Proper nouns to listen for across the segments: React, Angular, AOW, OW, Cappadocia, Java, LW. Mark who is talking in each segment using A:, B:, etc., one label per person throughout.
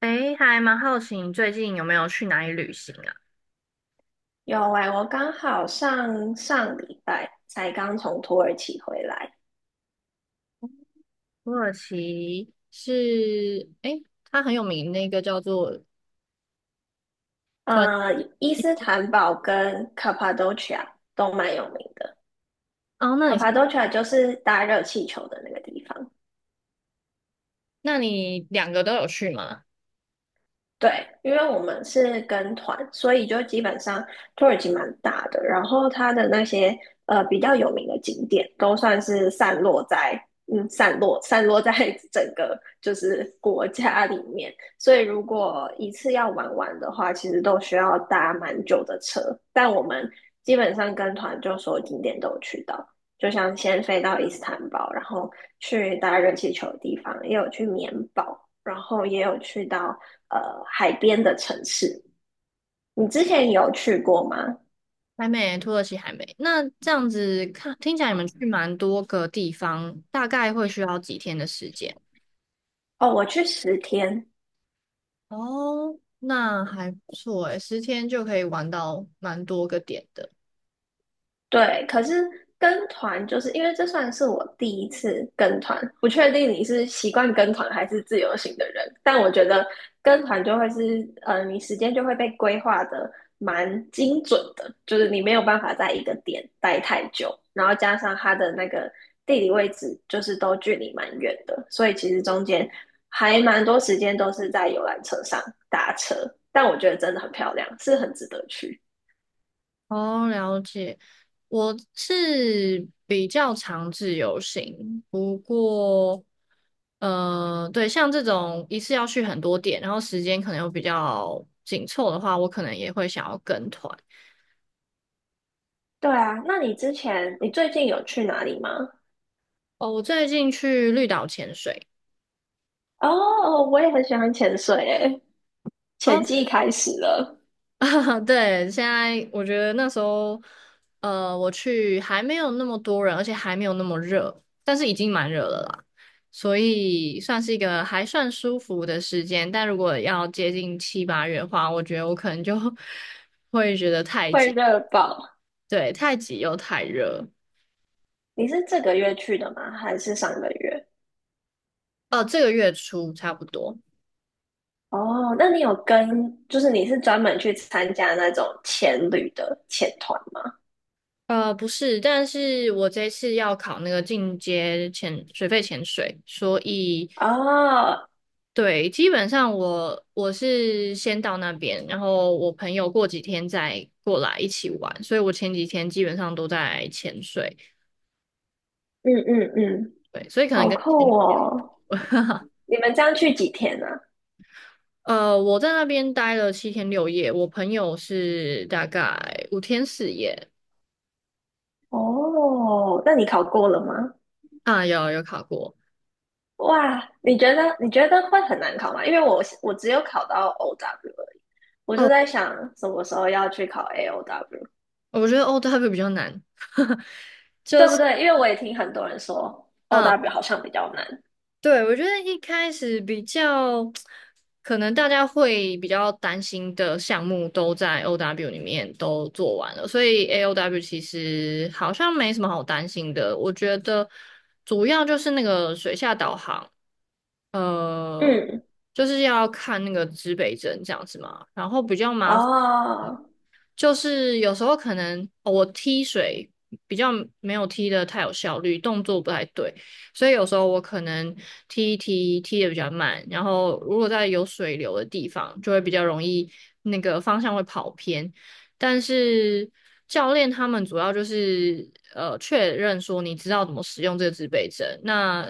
A: 诶，还蛮好奇你最近有没有去哪里旅行啊？
B: 有哎、我刚好上上礼拜才刚从土耳其回来。
A: 土耳其是，诶，它很有名，那个叫做突然，
B: 呃，伊斯坦堡跟 Cappadocia 都蛮有名的。
A: 哦，那你
B: Cappadocia 就是搭热气球的那个地方。
A: 那你两个都有去吗？
B: 对，因为我们是跟团，所以就基本上土耳其蛮大的，然后它的那些比较有名的景点都算是散落在 整个就是国家里面，所以如果一次要玩完的话，其实都需要搭蛮久的车，但我们基本上跟团就所有景点都有去到，就像先飞到伊斯坦堡，然后去搭热气球的地方，也有去棉堡。然后也有去到海边的城市。你之前有去过吗？
A: 还没，土耳其还没。那这样子看，听起来你们去蛮多个地方，大概会需要几天的时间？
B: 哦，我去10天，
A: 哦，那还不错诶，10天就可以玩到蛮多个点的。
B: 对，可是跟团就是因为这算是我第一次跟团，不确定你是习惯跟团还是自由行的人，但我觉得跟团就会是，你时间就会被规划的蛮精准的，就是你没有办法在一个点待太久，然后加上它的那个地理位置就是都距离蛮远的，所以其实中间还蛮多时间都是在游览车上搭车，但我觉得真的很漂亮，是很值得去。
A: 哦，了解。我是比较常自由行，不过，对，像这种一次要去很多点，然后时间可能又比较紧凑的话，我可能也会想要跟团。
B: 对啊，那你之前你最近有去哪里吗？
A: 哦，我最近去绿岛潜水。
B: 哦，我也很喜欢潜水诶，潜
A: 哦
B: 季开始了，
A: 对，现在我觉得那时候，我去还没有那么多人，而且还没有那么热，但是已经蛮热了啦，所以算是一个还算舒服的时间。但如果要接近7、8月的话，我觉得我可能就 会觉得太
B: 会
A: 挤，
B: 热爆。
A: 对，太挤又太热。
B: 你是这个月去的吗？还是上个月？
A: 这个月初差不多。
B: 哦，那你有跟，就是你是专门去参加那种潜旅的潜团吗？
A: 不是，但是我这次要考那个进阶潜水肺潜水，所以
B: 哦，
A: 对，基本上我是先到那边，然后我朋友过几天再过来一起玩，所以我前几天基本上都在潜水，
B: 嗯嗯嗯，
A: 对，所以可能
B: 好
A: 跟前
B: 酷哦！你们这样去几天呢、啊？
A: 我在那边待了7天6夜，我朋友是大概5天4夜
B: 哦，那你考过了吗？
A: 啊，有考过
B: 哇，你觉得会很难考吗？因为我只有考到 OW 而已，我就
A: 哦，
B: 在想什么时候要去考 AOW，
A: 我觉得 OW 比较难，就
B: 对不
A: 是。
B: 对？因为我也听很多人说
A: 嗯。
B: OW 好像比较难。
A: 对，我觉得一开始比较可能大家会比较担心的项目都在 OW 里面都做完了，所以 AOW 其实好像没什么好担心的。我觉得主要就是那个水下导航，呃，
B: 嗯，
A: 就是要看那个指北针这样子嘛，然后比较麻。
B: 哦，
A: 就是有时候可能哦我踢水比较没有踢的太有效率，动作不太对，所以有时候我可能踢一踢踢的比较慢，然后如果在有水流的地方，就会比较容易那个方向会跑偏。但是教练他们主要就是确认说你知道怎么使用这个自备针，那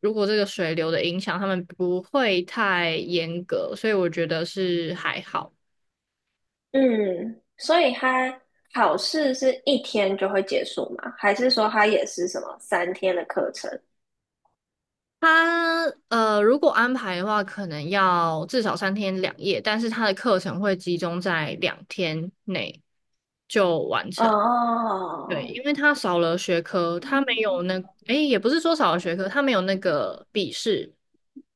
A: 如果这个水流的影响，他们不会太严格，所以我觉得是还好。
B: 嗯，所以它考试是一天就会结束吗？还是说它也是什么3天的课程？
A: 他如果安排的话，可能要至少3天2夜，但是他的课程会集中在2天内就完成。对，
B: 哦，
A: 因为他少了学科，他没有那，诶，也不是说少了学科，他没有那个笔试，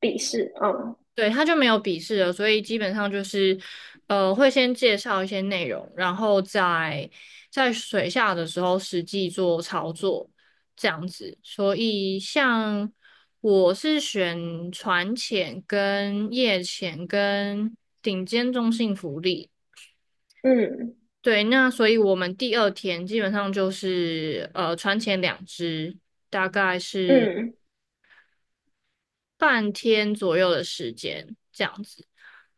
B: 笔试，嗯
A: 对，他就没有笔试了，所以基本上就是，会先介绍一些内容，然后在水下的时候实际做操作，这样子。所以像我是选船潜、跟夜潜、跟顶尖中性浮力。
B: 嗯
A: 对，那所以我们第二天基本上就是船潜两只，大概是
B: 嗯
A: 半天左右的时间这样子。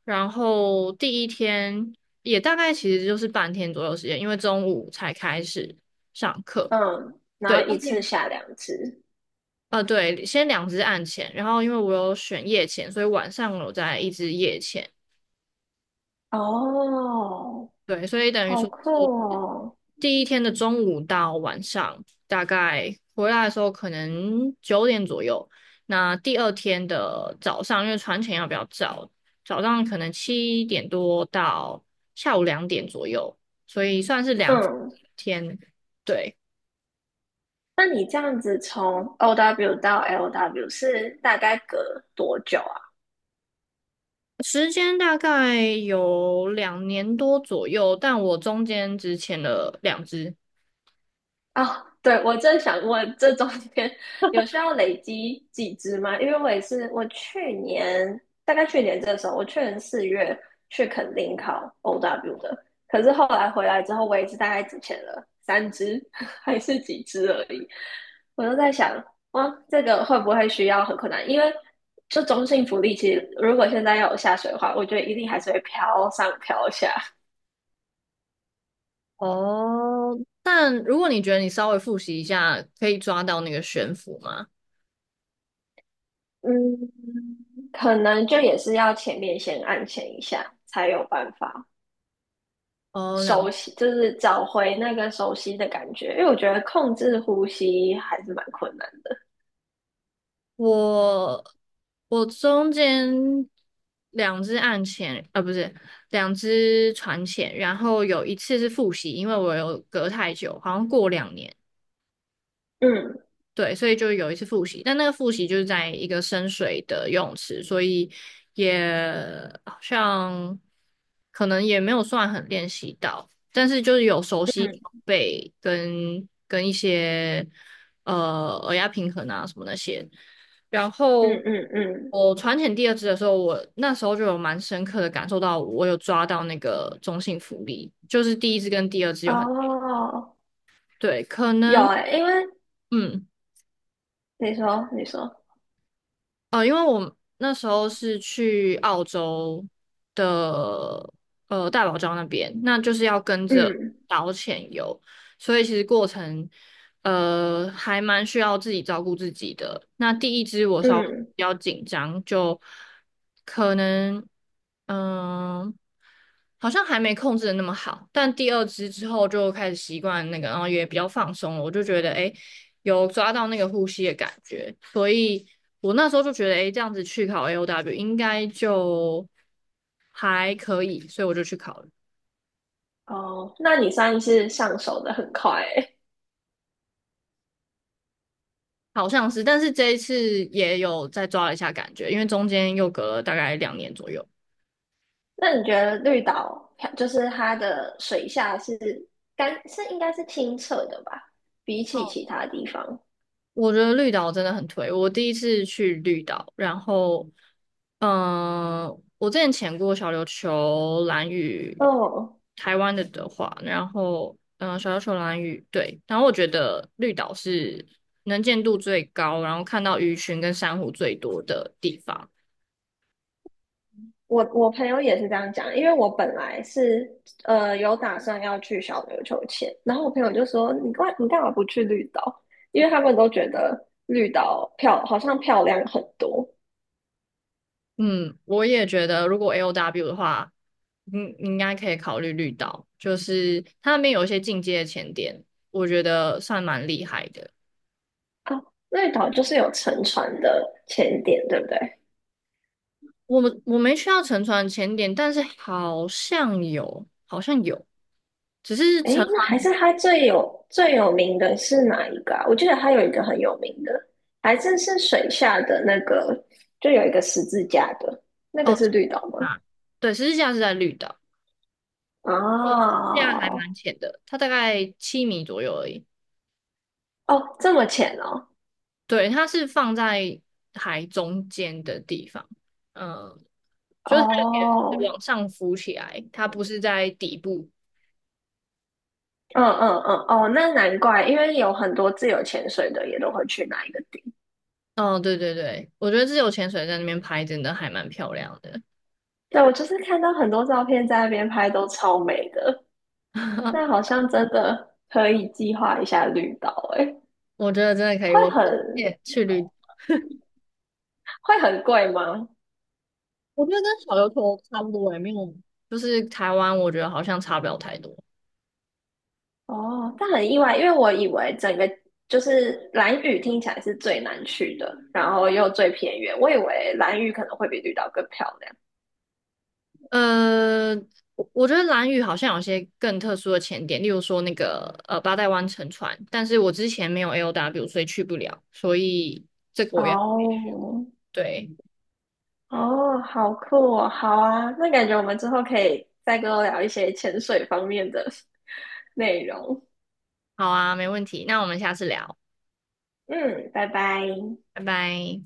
A: 然后第一天也大概其实就是半天左右时间，因为中午才开始上课。
B: 嗯，然
A: 对，
B: 后
A: 但
B: 一次
A: 是
B: 下2次。
A: 对，先两支暗前，然后因为我有选夜前，所以晚上我有在一支夜前。
B: 哦，
A: 对，所以等于
B: 好
A: 说是
B: 酷哦。
A: 第一天的中午到晚上，大概回来的时候可能9点左右。那第二天的早上，因为船前要比较早，早上可能7点多到下午2点左右，所以算是两
B: 嗯，
A: 天。对，
B: 那你这样子从 OW 到 LW 是大概隔多久？啊？
A: 时间大概有2年多左右，但我中间只潜了两只。
B: 啊，对，我正想问，这中间有需要累积几只吗？因为我也是，我去年大概去年这个时候，我去年4月去肯定考 OW 的，可是后来回来之后，我也是大概只签了3只 还是几只而已。我就在想，哇，这个会不会需要很困难？因为这中性福利，其实如果现在要有下水的话，我觉得一定还是会飘上飘下。
A: 哦，但如果你觉得你稍微复习一下，可以抓到那个悬浮吗？
B: 嗯，可能就也是要前面先按前一下，才有办法
A: 哦，
B: 熟
A: 两。
B: 悉，就是找回那个熟悉的感觉。因为我觉得控制呼吸还是蛮困难的。
A: 我我中间两只岸潜，啊，不是两只船潜，然后有一次是复习，因为我有隔太久，好像过2年。
B: 嗯
A: 对，所以就有一次复习，但那个复习就是在一个深水的游泳池，所以也好像可能也没有算很练习到，但是就是有熟悉
B: 嗯
A: 背跟一些耳压平衡啊什么那些。然
B: 嗯
A: 后
B: 嗯嗯，
A: 我船潜第二支的时候，我那时候就有蛮深刻的感受到，我有抓到那个中性浮力，就是第一支跟第二支有很
B: 哦，
A: 对，可
B: 有
A: 能
B: 诶、因为
A: 嗯。
B: 你说，
A: 因为我那时候是去澳洲的大堡礁那边，那就是要跟着
B: 嗯
A: 导潜游，所以其实过程还蛮需要自己照顾自己的。那第一支我稍微
B: 嗯，
A: 比较紧张，就可能嗯、好像还没控制的那么好，但第二支之后就开始习惯那个，然后也比较放松了，我就觉得诶有抓到那个呼吸的感觉，所以我那时候就觉得，哎，这样子去考 AOW 应该就还可以，所以我就去考了，
B: 哦，那你算是上手的很快诶、
A: 好像是，但是这一次也有再抓了一下感觉，因为中间又隔了大概2年左右。
B: 那你觉得绿岛就是它的水下是干是应该是清澈的吧？比起其他地方，
A: 我觉得绿岛真的很推。我第一次去绿岛，然后，嗯、我之前潜过小琉球、蓝屿，
B: 哦，
A: 台湾的的话，然后，嗯、小琉球、蓝屿，对，然后我觉得绿岛是能见度最高，然后看到鱼群跟珊瑚最多的地方。
B: 我朋友也是这样讲，因为我本来是有打算要去小琉球前，然后我朋友就说你干嘛不去绿岛？因为他们都觉得绿岛好像漂亮很多
A: 嗯，我也觉得，如果 LW 的话，应该可以考虑绿岛，就是它那边有一些进阶的潜点，我觉得算蛮厉害的。
B: 啊，绿岛就是有沉船的潜点，对不对？
A: 我没需要沉船前点，但是好像有，好像有，只是沉
B: 诶，那
A: 船
B: 还是它最有名的是哪一个啊？我记得它有一个很有名的，还是是水下的那个，就有一个十字架的，那个
A: 哦，
B: 是绿岛吗？
A: 啊，对，十字架是在绿岛，十字架还
B: 哦，
A: 蛮浅的，它大概7米左右而已。
B: 哦，这么浅哦，
A: 对，它是放在海中间的地方，嗯，就是它有
B: 哦，
A: 点往上浮起来，它不是在底部。
B: 嗯嗯嗯，哦，那难怪，因为有很多自由潜水的也都会去那一个地。
A: 哦，对对对，我觉得自由潜水在那边拍真的还蛮漂亮的，
B: 对，我就是看到很多照片在那边拍，都超美的。那好 像真的可以计划一下绿岛，诶，
A: 我觉得真的可以，
B: 会
A: 我
B: 很
A: 推去绿。
B: 会很贵吗？
A: 我觉得跟小琉球差不多也没有，就是台湾，我觉得好像差不了太多。
B: 哦，但很意外，因为我以为整个就是兰屿听起来是最难去的，然后又最偏远，我以为兰屿可能会比绿岛更漂亮。
A: 呃，我我觉得兰屿好像有些更特殊的潜点，例如说那个八代湾沉船，但是我之前没有 LW,所以去不了，所以这个我也
B: 哦，
A: 对，
B: 哦，好酷哦，好啊，那感觉我们之后可以再跟我聊一些潜水方面的 内容。
A: 好啊，没问题，那我们下次聊，
B: 嗯，拜拜。
A: 拜拜。